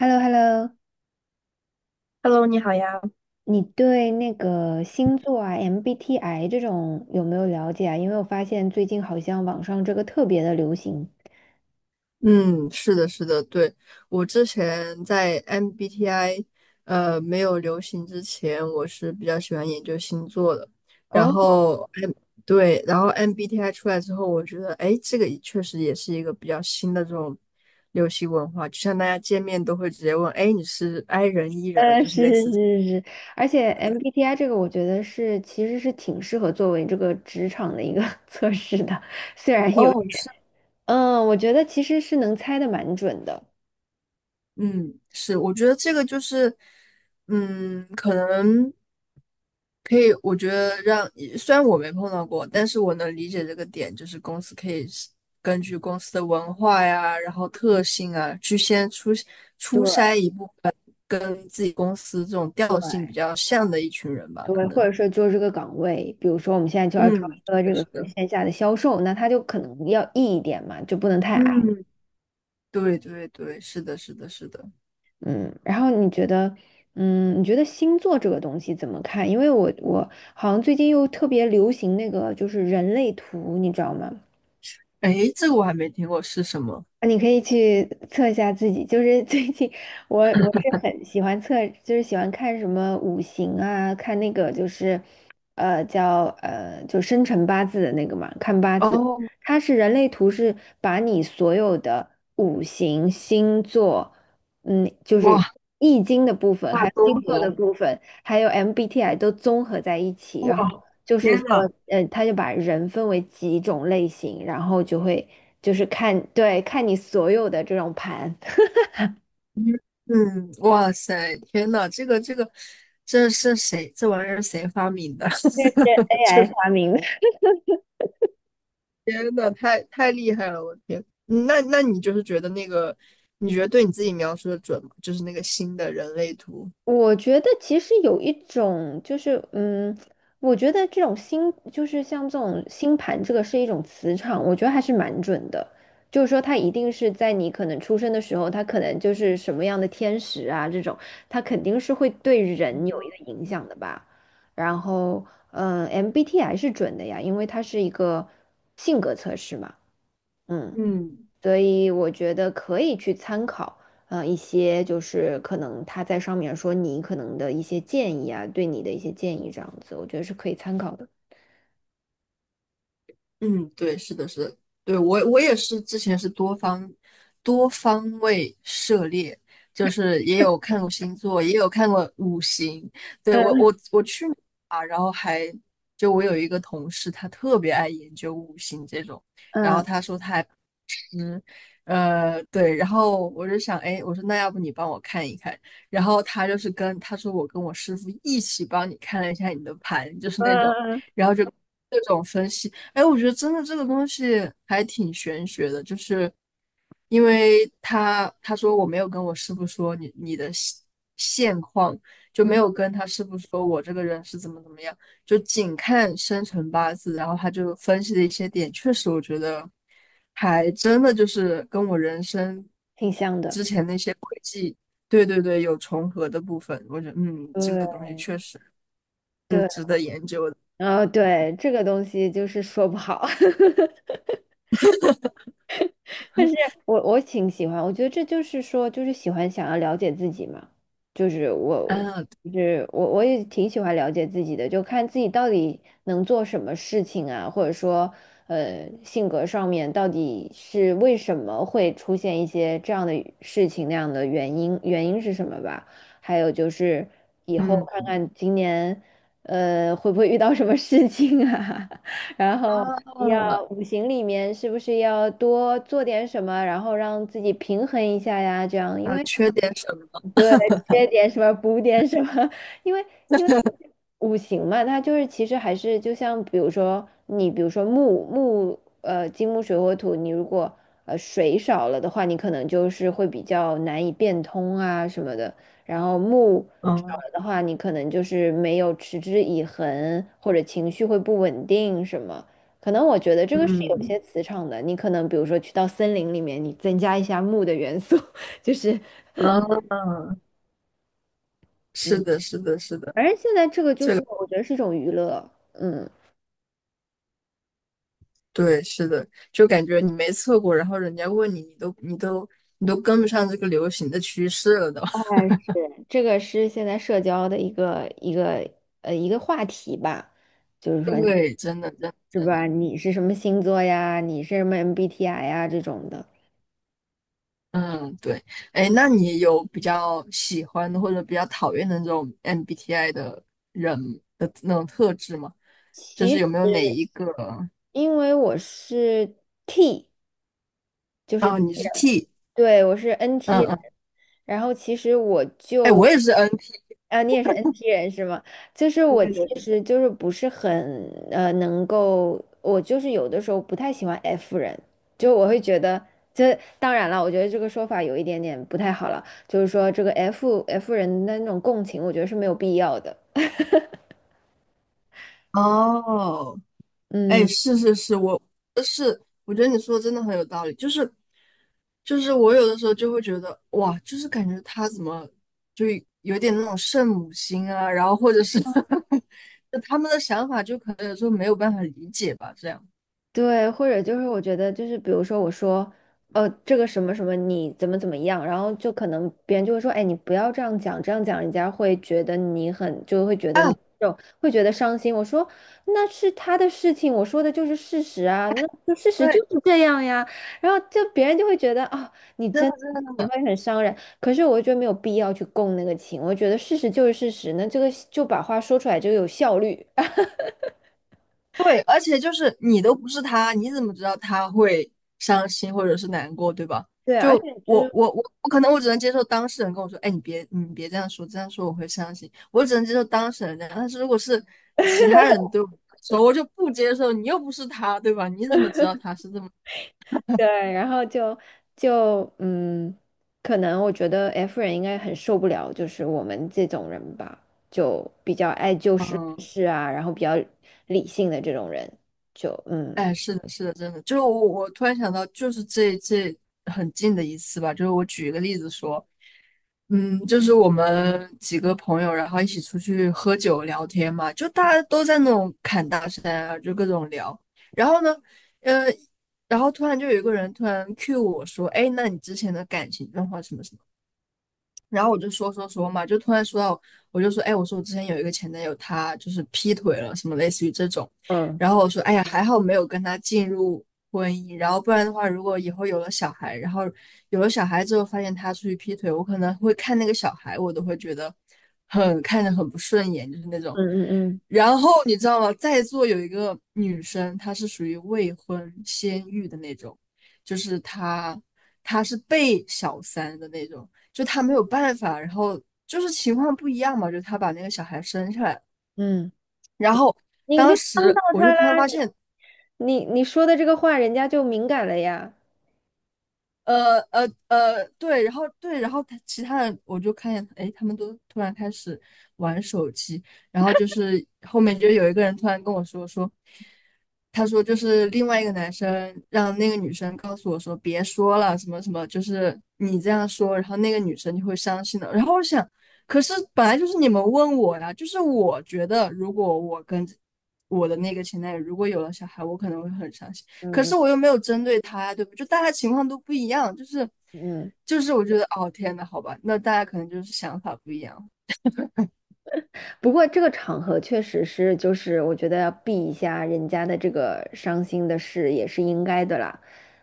h e l l o h e l l o。 Hello，你好呀。你对那个星座啊、MBTI 这种有没有了解啊？因为我发现最近好像网上这个特别的流行。嗯，是的，是的，对，我之前在 MBTI 没有流行之前，我是比较喜欢研究星座的。然哦，后 M 对，然后 MBTI 出来之后，我觉得哎，这个也确实也是一个比较新的这种流行文化，就像大家见面都会直接问，哎，你是 I 人 E 人，就是是类似这。是是是，而且 MBTI 这个我觉得是其实是挺适合作为这个职场的一个 测试的，虽然有哦，点，我觉得其实是能猜的蛮准的。嗯，是，我觉得这个就是，可能可以，我觉得让，虽然我没碰到过，但是我能理解这个点，就是公司可以是根据公司的文化呀，然后特性啊，去先出对筛一部跟自己公司这种调性对比较像的一群人吧，可对，或能。者说做这个岗位，比如说我们现在就要招嗯，一个这个是的，线下的销售，那他就可能要 E 一点嘛，就不能太矮。嗯，对对对，是的，是的，是的。嗯，然后你觉得，你觉得星座这个东西怎么看？因为我好像最近又特别流行那个就是人类图，你知道吗？哎，这个我还没听过，是什么？你可以去测一下自己，就是最近我是很喜欢测，就是喜欢看什么五行啊，看那个就是，叫就生辰八字的那个嘛，看八字，哦，它是人类图是把你所有的五行、星座，就是哇，易经的部分，大还有综星座的合，部分，还有 MBTI 都综合在一起，然后。就是天说，呐！他就把人分为几种类型，然后就会就是看，对，看你所有的这种盘，嗯，哇塞，天呐，这个这个，这是谁？这玩意儿谁发明的？这是 就 AI 是发明的。天呐，太厉害了，我的天！那你就是觉得那个，你觉得对你自己描述的准吗？就是那个新的人类图。我觉得其实有一种就是，我觉得这种星就是像这种星盘，这个是一种磁场，我觉得还是蛮准的。就是说，它一定是在你可能出生的时候，它可能就是什么样的天使啊，这种，它肯定是会对人有一个影响的吧。然后，MBTI 是准的呀，因为它是一个性格测试嘛，嗯。嗯。所以我觉得可以去参考，一些就是可能他在上面说你可能的一些建议啊，对你的一些建议这样子，我觉得是可以参考的。嗯，对，是的，是的，对，我也是之前是多方位涉猎，就是也有看过星座，也有看过五行。对，我嗯我我去年啊，然后还就我有一个同事，他特别爱研究五行这种，然后嗯他说他还对，然后我就想，哎，我说那要不你帮我看一看，然后他就是跟他说我跟我师傅一起帮你看了一下你的盘，就是那种，然后就各种分析，哎，我觉得真的这个东西还挺玄学的，就是因为他说我没有跟我师傅说你的现况，就嗯，没有跟他师傅说我这个人是怎么怎么样，就仅看生辰八字，然后他就分析了一些点，确实我觉得还真的就是跟我人生挺像的。之前那些轨迹，对对对，有重合的部分，我觉得这对个东西确实，对，然后对这个东西就是说不好。但是我挺喜欢，我觉得这就是说，就是喜欢想要了解自己嘛，就是我，啊，就是我，我也挺喜欢了解自己的，就看自己到底能做什么事情啊，或者说，性格上面到底是为什么会出现一些这样的事情，那样的原因，原因是什么吧？还有就是以后嗯，看看今年，会不会遇到什么事情啊？然后啊，要五行里面是不是要多做点什么，然后让自己平衡一下呀？这样，因啊，为缺点什么？对，缺点什么补点什么，因为因为五行嘛，它就是其实还是就像比如说你比如说木木呃金木水火土，你如果水少了的话，你可能就是会比较难以变通啊什么的，然后木少嗯了的话，你可能就是没有持之以恒，或者情绪会不稳定什么。可能我觉得这个是有嗯，些磁场的，你可能比如说去到森林里面，你增加一下木的元素，就是。啊，是嗯。的，是的，是的。反正现在这个就是我觉得是一种娱乐，对，是的，就感觉你没测过，然后人家问你，你都跟不上这个流行的趋势了都。哎，是，这个是现在社交的一个一个话题吧，就是说对，真的，真的是真的，吧？你是什么星座呀？你是什么 MBTI 呀？这种的。嗯，对。哎，那你有比较喜欢的或者比较讨厌的那种 MBTI 的人的那种特质吗？就是其有没有哪实一个？因为我是 T。就是哦，既你是 人 T，对我是 NT 嗯人，嗯，然后其实我哎，我就也是 NT。啊，你也是 NT 人是吗？就是我其实就是不是很能够，我就是有的时候不太喜欢 F 人，就我会觉得。这当然了，我觉得这个说法有一点点不太好了，就是说这个 F 人的那种共情，我觉得是没有必要的。哦，哎，嗯。是是是，我是我觉得你说的真的很有道理，就是我有的时候就会觉得哇，就是感觉他怎么就有点那种圣母心啊，然后或者是 就他们的想法就可能有时候没有办法理解吧，这样对，或者就是我觉得就是比如说我说，这个什么什么你怎么怎么样，然后就可能别人就会说，哎，你不要这样讲，这样讲人家会觉得你很，啊，就会觉得伤心。我说那是他的事情，我说的就是事实啊，那就事实就对，是这样呀。然后就别人就会觉得啊、真的真的真你的。会很伤人，可是我觉得没有必要去共那个情，我觉得事实就是事实，那这个就把话说出来就有效率。对，而且就是你都不是他，你怎么知道他会伤心或者是难过，对吧？对，而就且就我是我我我可能我只能接受当事人跟我说，哎，你别这样说，这样说我会伤心。我只能接受当事人这样，但是如果是其他人对我说，我就不接受。你又不是他，对吧？你怎么知道他是这么？对，然后就就嗯，可能我觉得 F 人应该很受不了，就是我们这种人吧，就比较爱就事论嗯？事啊，然后比较理性的这种人，就嗯哎，是的，是的，真的，就是我，我突然想到，就是这很近的一次吧，就是我举一个例子说，嗯，就是我们几个朋友，然后一起出去喝酒聊天嘛，就大家都在那种侃大山啊，就各种聊，然后呢，嗯，然后突然就有一个人突然 Q 我说，哎，那你之前的感情状况什么什么？然后我就说说说嘛，就突然说到，我就说，哎，我说我之前有一个前男友，他就是劈腿了，什么类似于这种。嗯然后我说，哎呀，还好没有跟他进入婚姻，然后不然的话，如果以后有了小孩，然后有了小孩之后发现他出去劈腿，我可能会看那个小孩，我都会觉得很看着很不顺眼，就是那种。嗯嗯然后你知道吗？在座有一个女生，她是属于未婚先孕的那种，就是她她是被小三的那种。就他没有办法，然后就是情况不一样嘛，就他把那个小孩生下来，嗯，嗯，然后你当就帮到时我就他啦，突然发你现，你你说的这个话，人家就敏感了呀，对，然后对，然后他其他的我就看见，哎，他们都突然开始玩手机，然后就是后面就有一个人突然跟我说，他说就是另外一个男生让那个女生告诉我说别说了什么什么，就是你这样说，然后那个女生就会伤心的。然后我想，可是本来就是你们问我呀，就是我觉得如果我跟我的那个前男友如果有了小孩，我可能会很伤心。可嗯是嗯我又没有针对他呀，对不对就大家情况都不一样，就是嗯嗯。我觉得哦天呐，好吧，那大家可能就是想法不一样。不过这个场合确实是，就是我觉得要避一下人家的这个伤心的事也是应该的啦。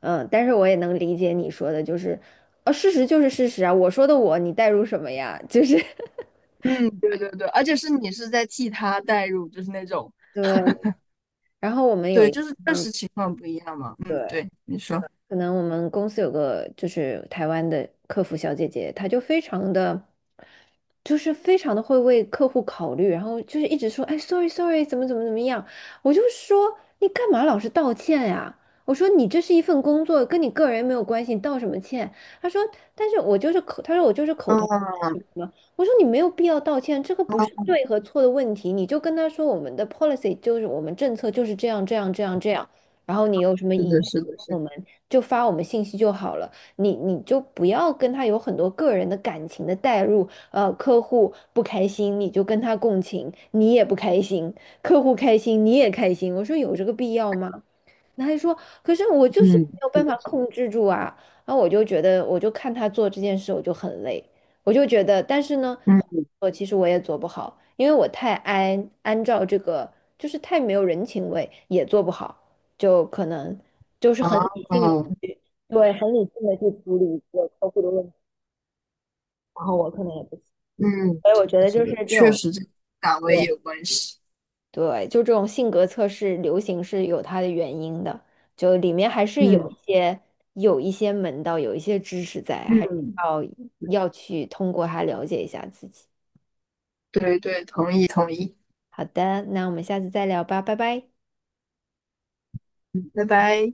但是我也能理解你说的，就是，事实就是事实啊，我说的我，你代入什么呀？就是 嗯，对对对，而且是你是在替他代入，就是那种对。然后我们有对，一，就是确嗯，实情况不一样嘛。嗯，对。对，你说，可能我们公司有个就是台湾的客服小姐姐，她就非常的，就是非常的会为客户考虑，然后就是一直说，哎，sorry sorry，怎么怎么怎么样，我就说你干嘛老是道歉呀？我说你这是一份工作，跟你个人没有关系，你道什么歉？她说，她说我就是口头嗯，什么，我说你没有必要道歉，这个不是对和错的问题，你就跟他说我们的 policy 就是我们政策就是这样这样这样这样。然后你有什么是疑义，的，是的，是我的，们就发我们信息就好了。你就不要跟他有很多个人的感情的代入，客户不开心你就跟他共情，你也不开心，客户开心你也开心，我说有这个必要吗？男孩他还说，可是我就是嗯，没有是办法的，是的，控制住啊。然后我就觉得，我就看他做这件事，我就很累，我就觉得，但是呢，嗯我其实我也做不好，因为我太按照这个，就是太没有人情味，也做不好，就可能就是啊，很理性的嗯去，对，很理性的去处理一个客户的问题，然后我可能也不行，嗯，所以我觉得是就是的，这确种。实这个岗位也有关系。对，就这种性格测试流行是有它的原因的，就里面还是有嗯一些有一些门道，有一些知识在，还是嗯，要要去通过它了解一下自己。对对，同意同意，好的，那我们下次再聊吧，拜拜。拜拜。